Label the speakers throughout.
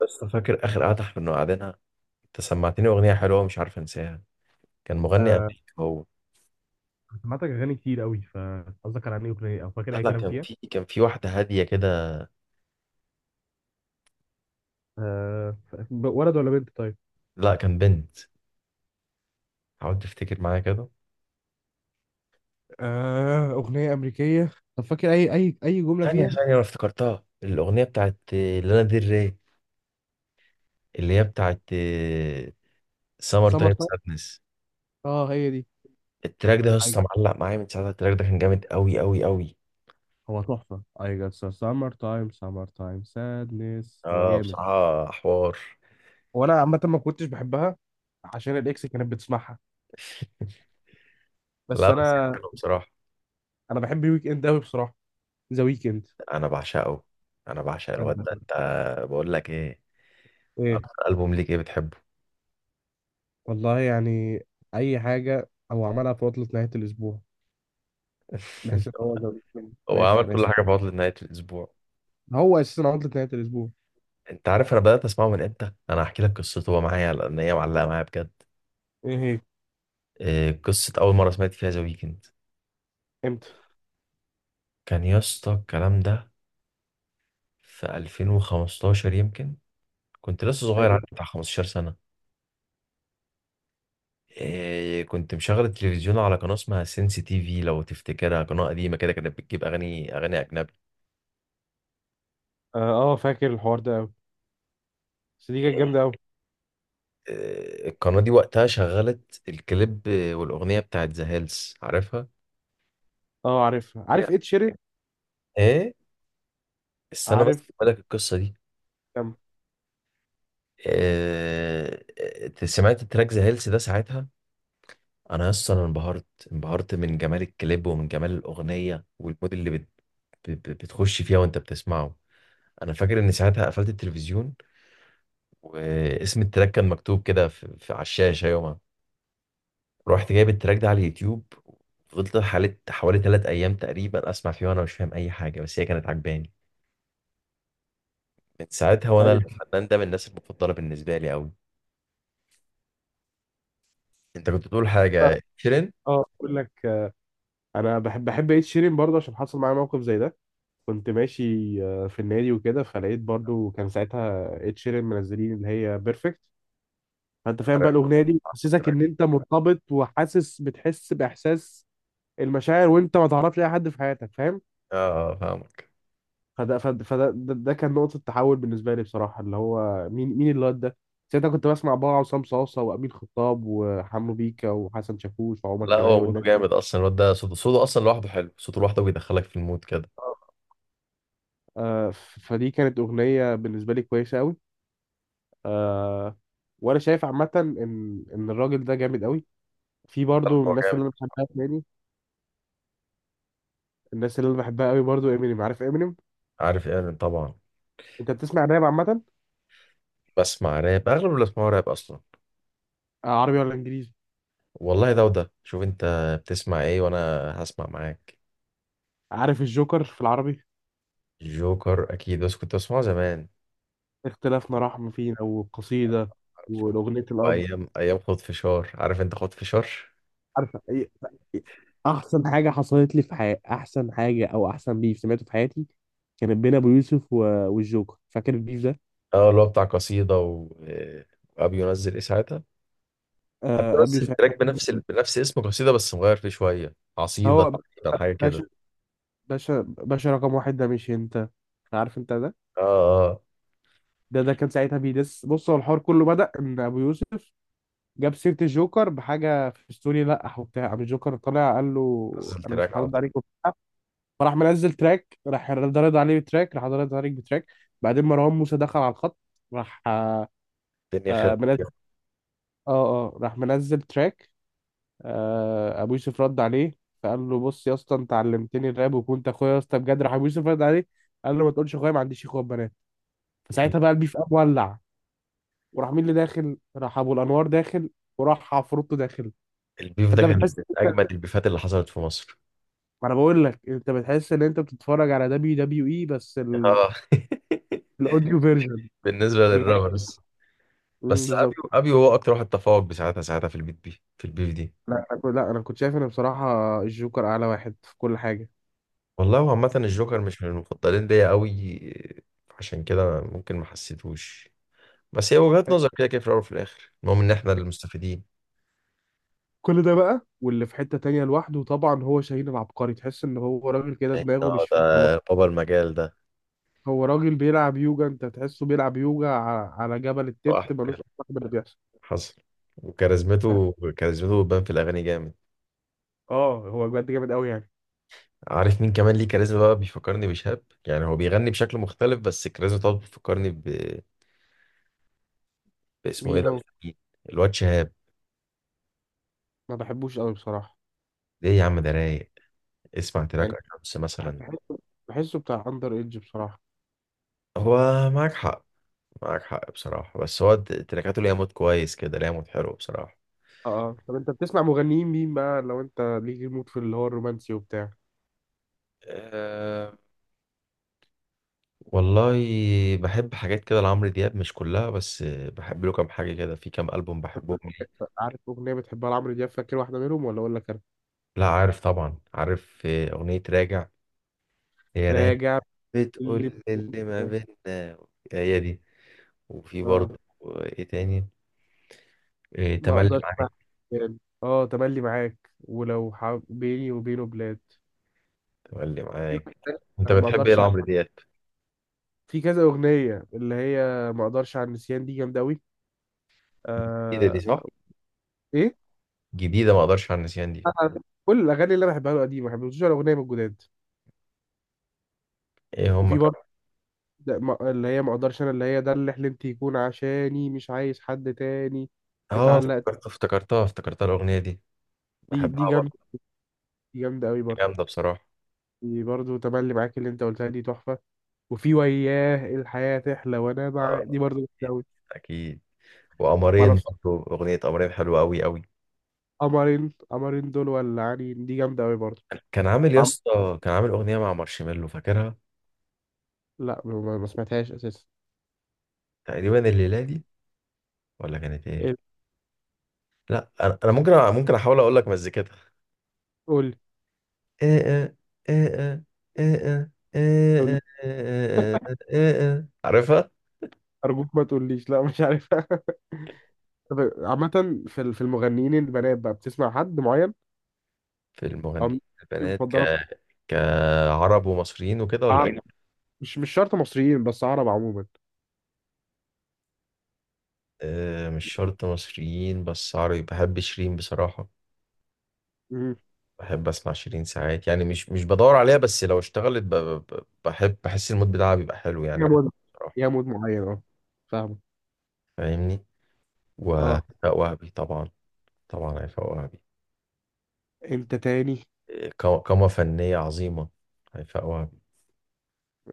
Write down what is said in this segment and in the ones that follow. Speaker 1: بس فاكر اخر قعده احنا قعدنا. انت سمعتني اغنيه حلوه مش عارف انساها. كان مغني
Speaker 2: آه.
Speaker 1: امريكي هو.
Speaker 2: سمعتك اغاني كتير قوي، فقصدك على انهي اغنيه او فاكر
Speaker 1: لا،
Speaker 2: اي
Speaker 1: لا،
Speaker 2: كلام
Speaker 1: كان
Speaker 2: فيها؟
Speaker 1: في كان في واحده هاديه كده.
Speaker 2: آه. ولد ولا بنت طيب؟
Speaker 1: لا كان بنت. حاولت افتكر معاها كده.
Speaker 2: آه. أغنية أمريكية، طب فاكر أي جملة
Speaker 1: ثانيه
Speaker 2: فيها؟
Speaker 1: ثانيه، انا افتكرتها، الاغنيه بتاعت لانا ديل ري، اللي هي بتاعت سمر
Speaker 2: سمر
Speaker 1: تايم
Speaker 2: تايم.
Speaker 1: سادنس.
Speaker 2: أه، هي دي.
Speaker 1: التراك ده يا
Speaker 2: I-
Speaker 1: اسطى معلق معايا من ساعتها. التراك ده كان جامد قوي قوي قوي.
Speaker 2: هو تحفه. I guess a summer time sadness. هو
Speaker 1: اه،
Speaker 2: جامد.
Speaker 1: بصراحه حوار.
Speaker 2: وأنا عامة ما كنتش بحبها عشان الإكس كانت بتسمعها. بس
Speaker 1: لا بس
Speaker 2: أنا
Speaker 1: حلو بصراحه.
Speaker 2: أنا بحب ويك إند أوي بصراحة. ذا ويك إند.
Speaker 1: انا بعشقه. انا بعشق الواد ده.
Speaker 2: آه،
Speaker 1: انت، بقول لك ايه،
Speaker 2: إيه؟
Speaker 1: اكتر البوم ليك ايه بتحبه؟
Speaker 2: والله يعني، أي حاجة هو عملها في عطلة نهاية الأسبوع. بحيث ان هو زود مني. انا
Speaker 1: هو
Speaker 2: اسف،
Speaker 1: عمل
Speaker 2: انا
Speaker 1: كل
Speaker 2: اسف.
Speaker 1: حاجه في عطله نهايه الاسبوع.
Speaker 2: هو اساسا عطلة نهاية الاسبوع.
Speaker 1: انت عارف انا بدات اسمعه من امتى؟ انا هحكي لك قصته هو معايا، لان هي معلقه معايا بجد.
Speaker 2: ايه هي؟
Speaker 1: إيه قصه اول مره سمعت فيها ذا ويكند؟
Speaker 2: امتى؟
Speaker 1: كان يا اسطى الكلام ده في 2015 يمكن. كنت لسه صغير،
Speaker 2: أيوة.
Speaker 1: عندي بتاع 15 سنه. إيه، كنت مشغل التلفزيون على قناه اسمها سينسي تي في، لو تفتكرها، قناه قديمه كده كانت بتجيب اغاني، اغاني اجنبي.
Speaker 2: اه، آه، فاكر الحوار ده قوي. بس دي كانت جامده قوي.
Speaker 1: إيه، القناه دي وقتها شغلت الكليب والاغنيه بتاعت ذا هيلز، عارفها؟
Speaker 2: اه، عارفها، عارف
Speaker 1: Yeah.
Speaker 2: ايه شيرين.
Speaker 1: ايه، استنى بس
Speaker 2: عارف.
Speaker 1: اقول لك القصه دي.
Speaker 2: كم؟
Speaker 1: آه. آه، سمعت التراك ذا هيلث ده ساعتها. انا اصلا أنا انبهرت. انبهرت من جمال الكليب ومن جمال الاغنيه والمود اللي بتخش فيها وانت بتسمعه. انا فاكر ان ساعتها قفلت التلفزيون، واسم التراك كان مكتوب كده في على الشاشه يومها. رحت جايب التراك ده على اليوتيوب. فضلت حوالي 3 ايام تقريبا اسمع فيه وانا مش فاهم اي حاجه، بس هي كانت عجباني. من ساعتها وانا
Speaker 2: ايوه.
Speaker 1: الفنان ده من الناس المفضله بالنسبه لي قوي. انت كنت بتقول حاجه، شيرين؟
Speaker 2: اه، اقول لك. انا بحب ايه شيرين برضه عشان حصل معايا موقف زي ده. كنت ماشي في النادي وكده، فلقيت برضه كان ساعتها ايه شيرين منزلين اللي هي بيرفكت. فانت فاهم بقى الاغنيه دي حسسك ان انت مرتبط وحاسس، بتحس باحساس المشاعر، وانت ما تعرفش اي حد في حياتك، فاهم؟
Speaker 1: اه، فاهمك.
Speaker 2: فده فده, فده ده, ده كان نقطة تحول بالنسبة لي بصراحة، اللي هو مين الواد ده. ساعتها كنت بسمع بقى عصام صاصة وأمين خطاب وحمو بيكا وحسن شاكوش وعمر
Speaker 1: لا
Speaker 2: كمال
Speaker 1: هو موده
Speaker 2: والناس.
Speaker 1: جامد اصلا. الواد ده صوته اصلا لوحده حلو. صوته لوحده بيدخلك في المود كده.
Speaker 2: فدي كانت أغنية بالنسبة لي كويسة أوي. آه. وأنا شايف عامة إن الراجل ده جامد أوي. في
Speaker 1: لا،
Speaker 2: برضو
Speaker 1: هو
Speaker 2: الناس
Speaker 1: جامد.
Speaker 2: اللي أنا بحبها تاني. الناس اللي أنا بحبها أوي برضو إمينيم، عارف إمينيم؟
Speaker 1: عارف ايه، انا طبعا
Speaker 2: أنت بتسمع راب عامة؟
Speaker 1: بسمع راب. اغلب اللي بسمعه راب اصلا.
Speaker 2: آه، عربي ولا إنجليزي؟
Speaker 1: والله ده وده، شوف انت بتسمع ايه وانا هسمع معاك.
Speaker 2: عارف الجوكر في العربي؟
Speaker 1: جوكر اكيد، بس كنت بسمعه زمان.
Speaker 2: اختلافنا رحم فينا وقصيدة.
Speaker 1: عارفه.
Speaker 2: والأغنية الأب.
Speaker 1: ايام ايام خد فشار، عارف انت خد فشار؟
Speaker 2: عارفه. إيه؟ احسن حاجه حصلت لي في حياتي، احسن حاجه او احسن بيف سمعته في حياتي، كانت بين ابو يوسف و... والجوكر. فاكر البيف ده؟
Speaker 1: اه اللي هو بتاع قصيده و... وابي ينزل ايه ساعتها. ابي
Speaker 2: آه، ابي
Speaker 1: ينزل
Speaker 2: يوسف.
Speaker 1: تراك بنفس اسم قصيده، بس مغير فيه شويه، عصيده
Speaker 2: هو.
Speaker 1: تقريبا، حاجه
Speaker 2: باشا.
Speaker 1: كده.
Speaker 2: باشا، باشا رقم واحد، ده مش انت. عارف انت ده.
Speaker 1: اه، آه.
Speaker 2: ده كان ساعتها بيدس. بص، هو الحوار كله بدأ ان ابو يوسف جاب سيرة الجوكر بحاجة في ستوري لقح وبتاع، قام الجوكر طلع قال له:
Speaker 1: نزل
Speaker 2: انا مش
Speaker 1: تراك على
Speaker 2: هرد
Speaker 1: طول.
Speaker 2: عليك وبتاع. فراح منزل تراك، راح رد عليه بتراك، راح رد عليك بتراك. بعدين مروان موسى دخل على الخط. راح.
Speaker 1: الدنيا خير.
Speaker 2: آه، منزل. اه. اه، راح منزل تراك. آه، ابو يوسف رد عليه. فقال له: بص يا اسطى، انت علمتني الراب وكنت اخويا يا اسطى بجد. راح ابو يوسف رد عليه، قال له: ما تقولش اخويا، ما عنديش اخوات بنات. فساعتها بقى البيف قام ولع. وراح مين اللي داخل؟ راح ابو الانوار داخل، وراح عفروتو داخل.
Speaker 1: البيف ده
Speaker 2: انت
Speaker 1: كان
Speaker 2: بتحس.
Speaker 1: من اجمد البيفات اللي حصلت في مصر.
Speaker 2: ما انا بقول لك، انت بتحس ان انت بتتفرج على دبليو دبليو اي، بس ال...
Speaker 1: اه.
Speaker 2: الاوديو فيرجن.
Speaker 1: بالنسبه
Speaker 2: بجد.
Speaker 1: للرابرز.
Speaker 2: مم،
Speaker 1: بس ابي،
Speaker 2: بالظبط.
Speaker 1: هو اكتر واحد تفوق بساعتها، ساعتها في البيت دي في البيف دي.
Speaker 2: لا، أنا كنت شايف ان بصراحه الجوكر اعلى واحد في كل حاجه.
Speaker 1: والله هو عامه الجوكر مش من المفضلين ليا قوي، عشان كده ممكن ما حسيتهوش. بس هي وجهات نظر، كده كده في الاول وفي الاخر المهم ان احنا اللي مستفيدين.
Speaker 2: كل ده بقى، واللي في حتة تانية لوحده طبعا هو شاهين العبقري. تحس ان هو راجل كده دماغه
Speaker 1: اه
Speaker 2: مش
Speaker 1: ده
Speaker 2: فيه، هو.
Speaker 1: بابا المجال ده.
Speaker 2: هو راجل بيلعب يوجا، انت تحسه بيلعب يوجا على جبل التبت،
Speaker 1: لوحده
Speaker 2: ملوش
Speaker 1: كده
Speaker 2: اصلا باللي بيحصل.
Speaker 1: حصل. وكاريزمته، بتبان في الاغاني جامد.
Speaker 2: اه، هو بجد جامد قوي يعني.
Speaker 1: عارف مين كمان ليه كاريزما بقى؟ بيفكرني بشهاب. يعني هو بيغني بشكل مختلف بس الكاريزما طبعا بيفكرني ب... باسمه ايه
Speaker 2: مين
Speaker 1: ده؟
Speaker 2: هو؟
Speaker 1: مين؟ الواد شهاب.
Speaker 2: ما بحبوش قوي بصراحة.
Speaker 1: ليه يا عم، ده رايق. اسمع تراك
Speaker 2: يعني،
Speaker 1: الشمس
Speaker 2: بح-
Speaker 1: مثلا.
Speaker 2: بحسه بحسه بتاع اندر ايدج بصراحة.
Speaker 1: هو معاك حق. معاك حق بصراحة، بس هو تراكاته ليها مود كويس كده، ليها مود حلو بصراحة.
Speaker 2: اه، اه، طب انت بتسمع مغنيين مين بقى، لو انت ليك المود في اللي هو الرومانسي وبتاع؟
Speaker 1: أه، والله بحب حاجات كده لعمرو دياب. مش كلها بس بحب له كام حاجة كده، في كام ألبوم بحبهم ليه.
Speaker 2: عارف اغنية بتحبها لعمرو دياب؟ فاكر واحدة منهم ولا اقول لك انا؟
Speaker 1: لا عارف طبعا، عارف. آه، أغنية راجع. هي راجع،
Speaker 2: راجع. اللي
Speaker 1: بتقول اللي ما بيننا. هي دي. وفي برضه، آه، ايه تاني، إيه،
Speaker 2: ما
Speaker 1: تملي
Speaker 2: اقدرش مع
Speaker 1: معاك.
Speaker 2: الرجال. اه، تملي معاك، ولو بيني وبينه بلاد.
Speaker 1: تملي
Speaker 2: في
Speaker 1: معاك.
Speaker 2: واحد تاني.
Speaker 1: انت
Speaker 2: ما
Speaker 1: بتحب ايه
Speaker 2: اقدرش.
Speaker 1: لعمرو دياب؟
Speaker 2: في كذا اغنيه، اللي هي ما اقدرش على النسيان، دي جامده قوي.
Speaker 1: جديدة
Speaker 2: آه...
Speaker 1: دي صح،
Speaker 2: ايه؟
Speaker 1: جديدة ما اقدرش على النسيان دي.
Speaker 2: أنا كل الاغاني اللي انا بحبها له قديمه، ما بحبش ولا اغنيه من الجداد.
Speaker 1: ايه، هما
Speaker 2: وفي برضه.
Speaker 1: كمان.
Speaker 2: اللي هي ما اقدرش انا، اللي هي ده اللي حلمت يكون عشاني مش عايز حد تاني.
Speaker 1: اه
Speaker 2: اتعلقت.
Speaker 1: افتكرت، افتكرتها الاغنية دي.
Speaker 2: دي
Speaker 1: بحبها
Speaker 2: جامده.
Speaker 1: برضه.
Speaker 2: دي جامده قوي برضه.
Speaker 1: جامدة بصراحة.
Speaker 2: دي برضه تملي معاك، اللي انت قلتها دي تحفه. وفي وياه الحياه تحلى وانا مع،
Speaker 1: آه،
Speaker 2: دي برضه جامده
Speaker 1: اكيد.
Speaker 2: قوي.
Speaker 1: وقمرين، برضه اغنية قمرين حلوة قوي قوي.
Speaker 2: قمرين دول ولا عين، دي جامدة أوي برضه.
Speaker 1: كان عامل يا
Speaker 2: عم...
Speaker 1: اسطى كان عامل اغنية مع مارشميلو، فاكرها؟
Speaker 2: لا، ما سمعتهاش أساسا.
Speaker 1: تقريبا الليلة دي، ولا كانت ايه؟
Speaker 2: إيه؟
Speaker 1: لا انا، أنا ممكن ممكن احاول اقول لك مزيكتها،
Speaker 2: قول. قول.
Speaker 1: عارفها.
Speaker 2: أرجوك ما تقوليش لا مش عارف. طب عامة، في المغنيين البنات بقى بتسمع حد معين؟
Speaker 1: في
Speaker 2: أو
Speaker 1: المغنيين
Speaker 2: مين
Speaker 1: البنات
Speaker 2: المفضلة بتاعتك؟
Speaker 1: كعرب ومصريين وكده، ولا
Speaker 2: عرب.
Speaker 1: أجنبي؟
Speaker 2: مش شرط مصريين، بس عرب عموما.
Speaker 1: آه، مش شرط مصريين بس، عربي بحب شيرين بصراحة.
Speaker 2: مم.
Speaker 1: بحب أسمع شيرين ساعات، يعني مش بدور عليها، بس لو اشتغلت بحب، بحس المود بتاعها بيبقى حلو، يعني
Speaker 2: يا
Speaker 1: بحب
Speaker 2: مود
Speaker 1: بصراحة،
Speaker 2: يا مود معين، اه. فاهمه.
Speaker 1: فاهمني؟
Speaker 2: اه.
Speaker 1: وهيفاء وهبي طبعا. طبعا هيفاء وهبي.
Speaker 2: انت تاني؟
Speaker 1: آه، قامة فنية عظيمة، هيفاء وهبي.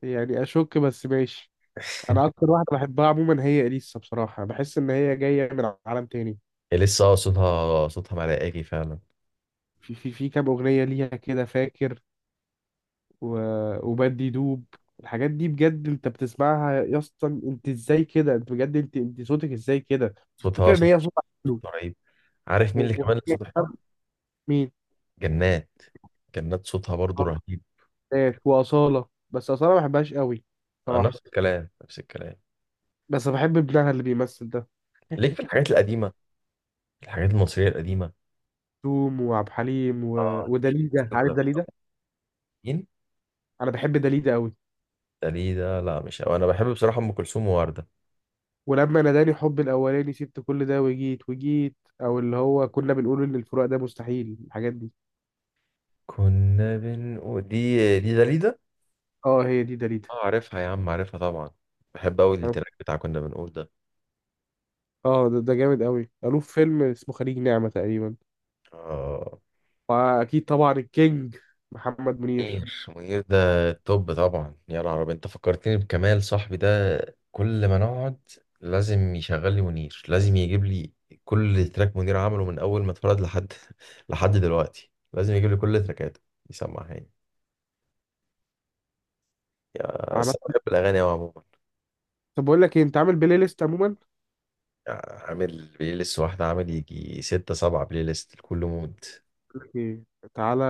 Speaker 2: يعني اشك، بس ماشي. انا اكتر واحده بحبها عموما هي اليسا، بصراحه بحس ان هي جايه من عالم تاني.
Speaker 1: هي لسه صوتها ملائكي فعلا.
Speaker 2: في كام اغنيه ليها كده، فاكر؟ وبدي دوب. الحاجات دي بجد، انت بتسمعها يا اسطى انت ازاي كده؟ انت بجد، انت صوتك ازاي كده؟
Speaker 1: صوتها
Speaker 2: فكرة ان
Speaker 1: صوت،
Speaker 2: هي صوتها حلو.
Speaker 1: صوتها رهيب. عارف
Speaker 2: و-
Speaker 1: مين اللي
Speaker 2: و-
Speaker 1: كمان اللي صوته حلو؟
Speaker 2: مين؟
Speaker 1: جنات. جنات صوتها برضو
Speaker 2: آه،
Speaker 1: رهيب.
Speaker 2: ناس وأصالة، بس أصالة ما بحبهاش قوي.
Speaker 1: آه،
Speaker 2: صراحة.
Speaker 1: نفس الكلام، نفس الكلام.
Speaker 2: بس بحب ابنها اللي بيمثل ده.
Speaker 1: ليك في الحاجات القديمة، الحاجات المصرية القديمة؟
Speaker 2: توم وعبد الحليم.
Speaker 1: اه، ليك في
Speaker 2: ودليدة،
Speaker 1: الناس
Speaker 2: عارف
Speaker 1: ولا مش؟
Speaker 2: دليدة؟
Speaker 1: مين؟
Speaker 2: انا بحب دليدة قوي.
Speaker 1: ده، ليه ده؟ لا مش أوي. انا بحب بصراحة ام كلثوم ووردة.
Speaker 2: ولما ناداني حب الاولاني، سبت كل ده وجيت او اللي هو كنا بنقول ان الفراق ده مستحيل، الحاجات دي.
Speaker 1: كنا بنقول دي، ده ليه ده؟
Speaker 2: اه، هي دي دليدة.
Speaker 1: اه عارفها يا عم، عارفها طبعا. بحب قوي التراك بتاع كنا بنقول ده.
Speaker 2: اه، ده جامد قوي، قالوه في فيلم اسمه خليج نعمة تقريبا.
Speaker 1: اه،
Speaker 2: واكيد طبعا الكينج محمد منير.
Speaker 1: منير، منير ده توب طبعا. يا نهار أبيض، انت فكرتني بكمال صاحبي ده. كل ما نقعد لازم يشغل لي منير، لازم يجيب لي كل تراك منير عمله من اول ما اتولد لحد، لحد دلوقتي لازم يجيب لي كل تراكاته يسمعها لي. يا
Speaker 2: عمل.
Speaker 1: بس انا بحب الاغاني قوي عموما.
Speaker 2: طب بقول لك ايه، انت عامل بلاي ليست عموما؟
Speaker 1: يعني عامل بلاي ليست واحده؟ عامل يجي ستة سبعة بلاي ليست لكل مود.
Speaker 2: بقول لك ايه. تعالى.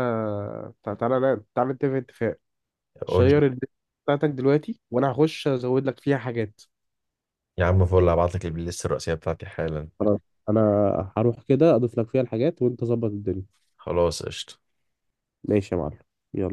Speaker 2: تعالى لا، تعالى نتفق اتفاق.
Speaker 1: قول لي
Speaker 2: شير الليست بتاعتك دلوقتي، وانا هخش ازود لك فيها حاجات.
Speaker 1: يا عم، فول هبعت لك البلاي ليست الرئيسيه بتاعتي حالا.
Speaker 2: خلاص. انا هروح كده اضيف لك فيها الحاجات وانت ظبط الدنيا.
Speaker 1: خلاص قشطه.
Speaker 2: ماشي يا معلم. يلا.